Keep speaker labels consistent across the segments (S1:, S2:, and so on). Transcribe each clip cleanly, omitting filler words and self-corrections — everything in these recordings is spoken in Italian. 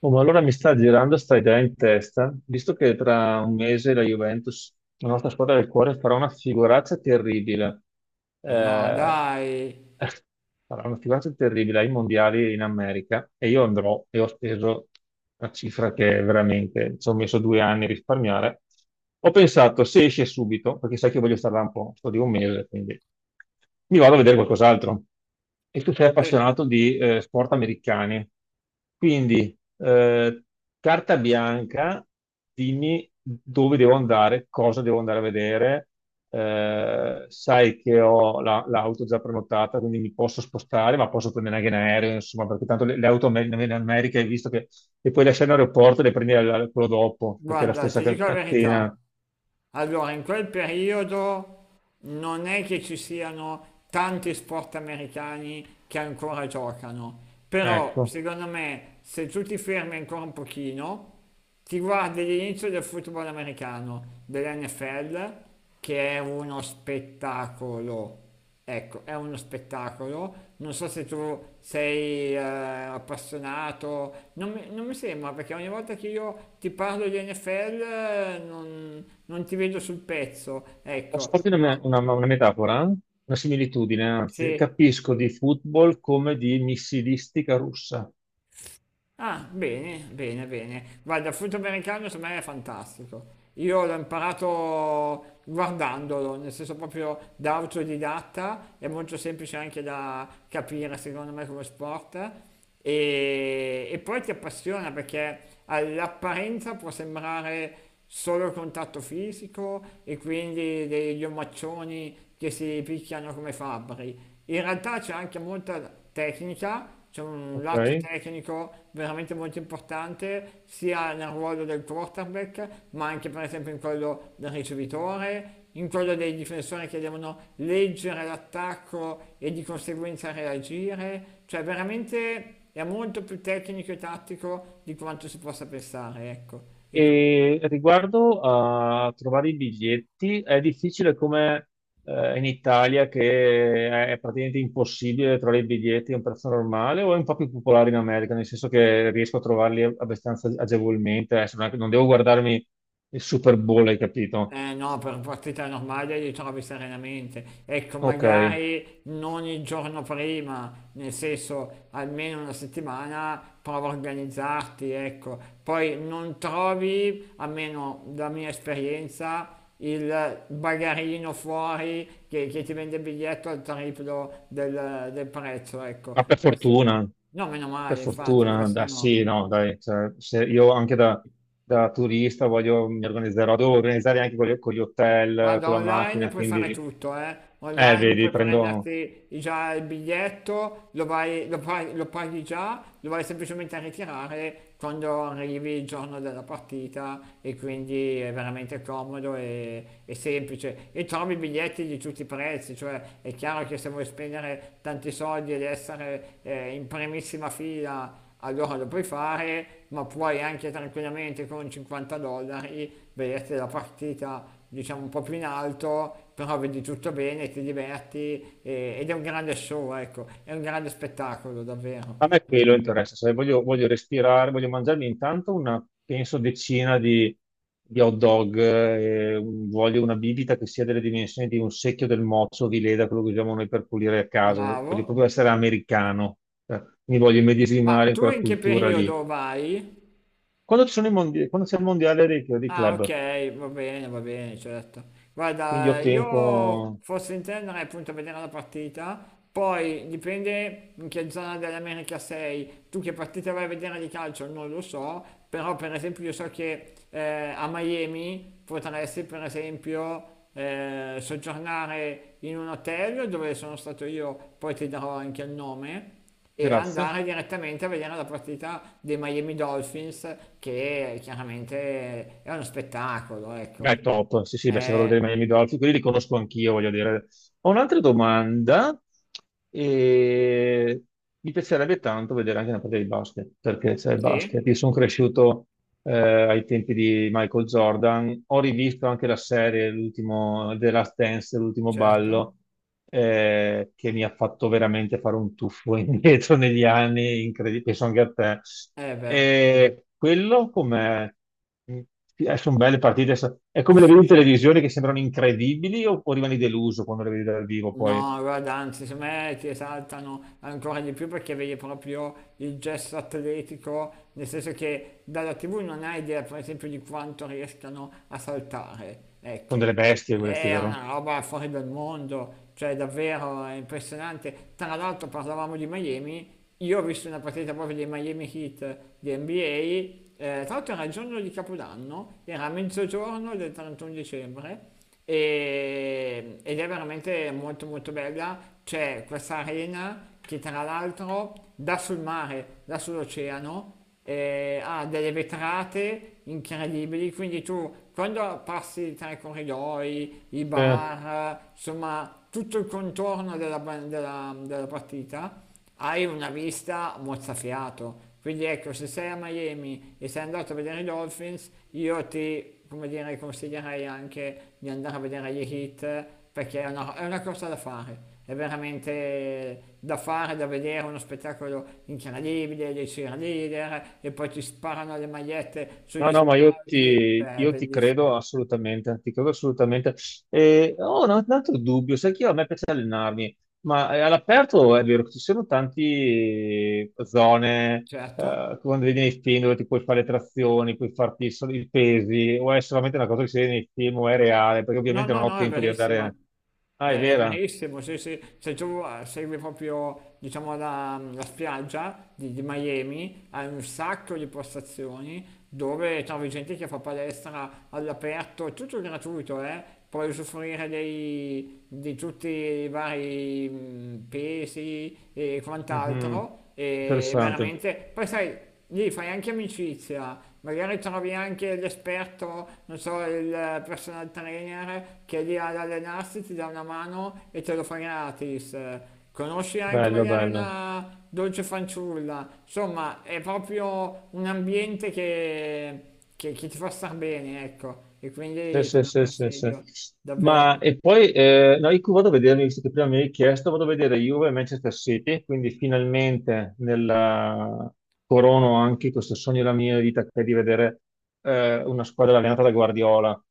S1: Oh, ma allora mi sta girando sta idea in testa, visto che tra un mese la Juventus, la nostra squadra del cuore, farà una figuraccia terribile.
S2: Ma no,
S1: Eh,
S2: dai,
S1: farà una figuraccia terribile ai mondiali in America e io andrò e ho speso una cifra che veramente ci ho messo 2 anni a risparmiare. Ho pensato, se esce subito, perché sai che voglio stare là un po', sto di un mese, quindi mi vado a vedere qualcos'altro. E tu sei
S2: Eh,
S1: appassionato di sport americani. Quindi, carta bianca, dimmi dove devo andare, cosa devo andare a vedere. Sai che ho l'auto già prenotata, quindi mi posso spostare, ma posso prendere anche in aereo, insomma, perché tanto le auto in America hai visto che le puoi lasciare in aeroporto e le prendi quello dopo, perché è la
S2: guarda,
S1: stessa
S2: ti dico la verità.
S1: catena.
S2: Allora, in quel periodo non è che ci siano tanti sport americani che ancora giocano, però
S1: Ecco.
S2: secondo me se tu ti fermi ancora un pochino, ti guardi l'inizio del football americano, dell'NFL, che è uno spettacolo. Ecco, è uno spettacolo. Non so se tu sei appassionato, non mi sembra perché ogni volta che io ti parlo di NFL non ti vedo sul pezzo,
S1: Posso
S2: ecco,
S1: farti una,
S2: però
S1: me- una- una metafora? Una similitudine, anzi.
S2: sì.
S1: Capisco di football come di missilistica russa,
S2: Ah, bene, bene, bene. Guarda, il frutto americano secondo me è fantastico. Io l'ho imparato guardandolo, nel senso proprio da autodidatta, è molto semplice anche da capire secondo me come sport e poi ti appassiona perché all'apparenza può sembrare solo contatto fisico e quindi degli omaccioni che si picchiano come fabbri. In realtà c'è anche molta tecnica, c'è un
S1: ok?
S2: lato tecnico veramente molto importante, sia nel ruolo del quarterback, ma anche per esempio in quello del ricevitore, in quello dei difensori che devono leggere l'attacco e di conseguenza reagire, cioè veramente è molto più tecnico e tattico di quanto si possa pensare, ecco. E quindi.
S1: E riguardo a trovare i biglietti, è difficile come in Italia che è praticamente impossibile trovare i biglietti a un prezzo normale o è un po' più popolare in America, nel senso che riesco a trovarli abbastanza agevolmente, adesso non non devo guardarmi il Super Bowl, hai capito?
S2: Eh no, per partita normale li trovi serenamente. Ecco,
S1: Ok,
S2: magari non il giorno prima, nel senso almeno una settimana, prova a organizzarti, ecco. Poi non trovi, almeno da mia esperienza, il bagarino fuori che ti vende il biglietto al triplo del prezzo, ecco.
S1: ma per
S2: Questo no.
S1: fortuna.
S2: No, meno male.
S1: Per
S2: Per infatti, fortuna.
S1: fortuna,
S2: Questo
S1: dai,
S2: no.
S1: sì, no, dai, cioè, se io anche da, turista voglio, mi organizzerò, devo organizzare anche con gli hotel,
S2: Guarda,
S1: con la
S2: online
S1: macchina,
S2: puoi fare
S1: quindi,
S2: tutto, eh. Online
S1: vedi,
S2: puoi
S1: prendo,
S2: prenderti già il biglietto, lo vai- lo paghi già, lo vai semplicemente a ritirare quando arrivi il giorno della partita e quindi è veramente comodo e semplice. E trovi biglietti di tutti i prezzi, cioè è chiaro che se vuoi spendere tanti soldi ed essere in primissima fila allora lo puoi fare, ma puoi anche tranquillamente con 50 dollari vederti la partita diciamo un po' più in alto, però vedi tutto bene, ti diverti ed è un grande show, ecco, è un grande spettacolo,
S1: a
S2: davvero.
S1: me quello interessa, se voglio respirare, voglio mangiarmi intanto una, penso, decina di hot dog, voglio una bibita che sia delle dimensioni di un secchio del mozzo di Leda, quello che usiamo noi per pulire a casa, voglio
S2: Bravo.
S1: proprio essere americano, cioè, mi voglio
S2: Ma
S1: immedesimare in
S2: tu
S1: quella
S2: in che
S1: cultura lì.
S2: periodo vai?
S1: Quando ci sono i mondiali, quando c'è il mondiale dei
S2: Ah,
S1: club,
S2: ok, va bene, certo.
S1: quindi ho
S2: Guarda, io
S1: tempo.
S2: forse intenderei appunto a vedere la partita, poi dipende in che zona dell'America sei. Tu che partita vai a vedere di calcio non lo so, però per esempio io so che a Miami potresti per esempio soggiornare in un hotel dove sono stato io, poi ti darò anche il nome e
S1: Grazie.
S2: andare direttamente a vedere la partita dei Miami Dolphins, che chiaramente è uno spettacolo, ecco.
S1: Beh, top. Sì, sì, beh, se vado a vedere i
S2: Eh,
S1: Miami Dolphins, quelli li conosco anch'io, voglio dire. Ho un'altra domanda e mi piacerebbe tanto vedere anche una partita di basket, perché c'è il basket.
S2: sì,
S1: Io sono cresciuto eh, ai tempi di Michael Jordan. Ho rivisto anche la serie, l'ultimo The Last Dance, l'ultimo
S2: certo.
S1: ballo, che mi ha fatto veramente fare un tuffo indietro negli anni, incredibile, penso anche a te.
S2: Eh beh,
S1: E quello come sono belle partite, è come le vedi in
S2: assolutamente.
S1: televisione che sembrano incredibili o rimani deluso quando le vedi dal vivo poi?
S2: No, guarda, anzi, secondo me ti esaltano ancora di più perché vedi proprio il gesto atletico, nel senso che dalla TV non hai idea, per esempio, di quanto riescano a saltare.
S1: Sono
S2: Ecco,
S1: delle
S2: cioè,
S1: bestie queste,
S2: è una roba fuori dal mondo, cioè davvero è impressionante. Tra l'altro parlavamo di Miami, io ho visto una partita proprio dei Miami Heat di NBA, tra l'altro era il giorno di Capodanno, era a mezzogiorno del 31 dicembre ed è veramente molto molto bella. C'è questa arena che tra l'altro dà sul mare, dà sull'oceano, ha delle vetrate incredibili, quindi tu quando passi tra i corridoi, i
S1: vero?
S2: bar, insomma tutto il contorno della partita, hai una vista mozzafiato. Quindi ecco, se sei a Miami e sei andato a vedere i Dolphins, io ti, come dire, consiglierei anche di andare a vedere gli Heat perché è una cosa da fare. È veramente da fare, da vedere, uno spettacolo incredibile dei cheerleader e poi ti sparano le magliette sugli
S1: No, no, ma
S2: spalti, cioè è
S1: io ti
S2: bellissimo.
S1: credo assolutamente, ti credo assolutamente. E ho un altro dubbio, sai che a me piace allenarmi, ma all'aperto è vero che ci sono tante zone,
S2: Certo.
S1: quando vedi nei film dove ti puoi fare le trazioni, puoi farti solo i pesi, o è solamente una cosa che si vede nei film o è reale, perché
S2: No,
S1: ovviamente
S2: no,
S1: non ho
S2: no, è
S1: tempo di
S2: verissima.
S1: andare... Ah, è
S2: È
S1: vera?
S2: verissimo, sì, sì. Se tu segui proprio, diciamo, la spiaggia di Miami, hai un sacco di postazioni dove trovi gente che fa palestra all'aperto, tutto gratuito, eh. Puoi usufruire di tutti i vari pesi e
S1: Mhm.
S2: quant'altro, e
S1: Interessante,
S2: veramente. Poi sai. Lì fai anche amicizia, magari trovi anche l'esperto, non so, il personal trainer che è lì ad allenarsi, ti dà una mano e te lo fa gratis. Conosci anche
S1: bello,
S2: magari
S1: bello.
S2: una dolce fanciulla, insomma, è proprio un ambiente che ti fa star bene, ecco, e
S1: Sì,
S2: quindi te
S1: sì,
S2: lo
S1: sì, sì, sì.
S2: consiglio,
S1: Ma
S2: davvero.
S1: e poi no, io vado a vedere, visto che prima mi hai chiesto, vado a vedere Juve e Manchester City, quindi finalmente corono anche questo sogno della mia vita che è di vedere una squadra allenata da Guardiola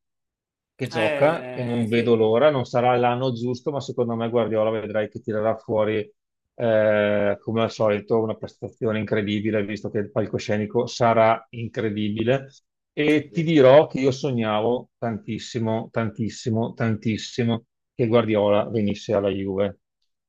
S1: che gioca e non vedo
S2: Sì.
S1: l'ora. Non sarà l'anno giusto, ma secondo me Guardiola vedrai che tirerà fuori, come al solito, una prestazione incredibile, visto che il palcoscenico sarà incredibile. E ti
S2: Sì.
S1: dirò che io sognavo tantissimo, tantissimo, tantissimo che Guardiola venisse alla Juve.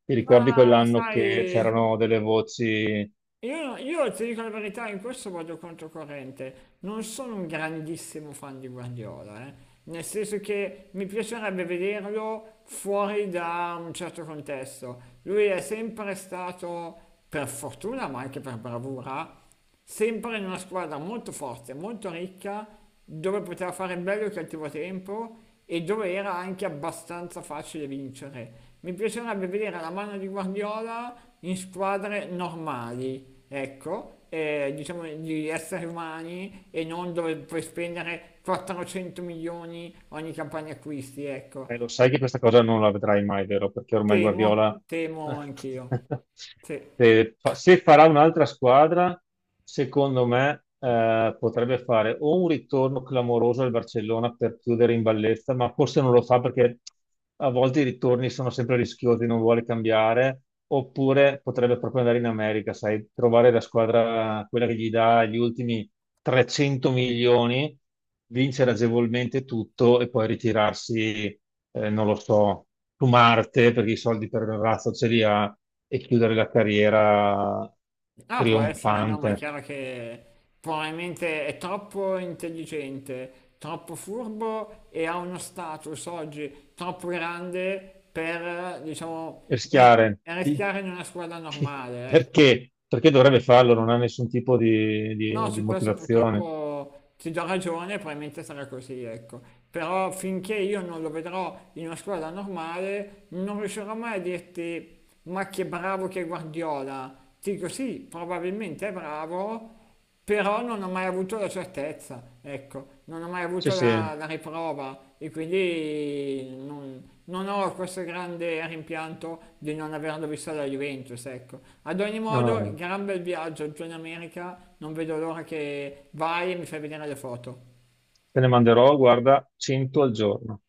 S1: Ti ricordi
S2: Ma
S1: quell'anno che
S2: sai,
S1: c'erano delle voci.
S2: io, no, io ti dico la verità, in questo vado controcorrente. Non sono un grandissimo fan di Guardiola, eh. Nel senso che mi piacerebbe vederlo fuori da un certo contesto. Lui è sempre stato, per fortuna, ma anche per bravura, sempre in una squadra molto forte, molto ricca, dove poteva fare bello e cattivo tempo e dove era anche abbastanza facile vincere. Mi piacerebbe vedere la mano di Guardiola in squadre normali, ecco, diciamo di esseri umani e non dove puoi spendere 400 milioni ogni campagna acquisti,
S1: Eh,
S2: ecco.
S1: lo sai che questa cosa non la vedrai mai, vero? Perché ormai
S2: Temo,
S1: Guardiola,
S2: temo anch'io. Sì.
S1: se farà un'altra squadra, secondo me, potrebbe fare o un ritorno clamoroso al Barcellona per chiudere in bellezza, ma forse non lo fa perché a volte i ritorni sono sempre rischiosi, non vuole cambiare, oppure potrebbe proprio andare in America, sai, trovare la squadra, quella che gli dà gli ultimi 300 milioni, vincere agevolmente tutto e poi ritirarsi, non lo so, su Marte perché i soldi per il razzo ce li ha e chiudere la carriera
S2: Ah, può essere, no, ma è
S1: trionfante.
S2: chiaro che probabilmente è troppo intelligente, troppo furbo e ha uno status oggi troppo grande per, diciamo,
S1: Rischiare. Chi-
S2: rischiare in una squadra
S1: chi-
S2: normale, ecco.
S1: Perché? Perché dovrebbe farlo? Non ha nessun tipo di
S2: No,
S1: di
S2: su questo
S1: motivazione.
S2: purtroppo ti do ragione, probabilmente sarà così, ecco. Però finché io non lo vedrò in una squadra normale, non riuscirò mai a dirti, ma che bravo che è Guardiola. Ti dico sì, probabilmente è bravo, però non ho mai avuto la certezza, ecco, non ho mai
S1: Sì,
S2: avuto
S1: sì, no,
S2: la riprova e quindi non ho questo grande rimpianto di non averlo visto alla Juventus, ecco. Ad ogni
S1: no,
S2: modo,
S1: no.
S2: gran bel viaggio giù in America, non vedo l'ora che vai e mi fai vedere le foto.
S1: Te ne manderò, guarda, 100 al giorno.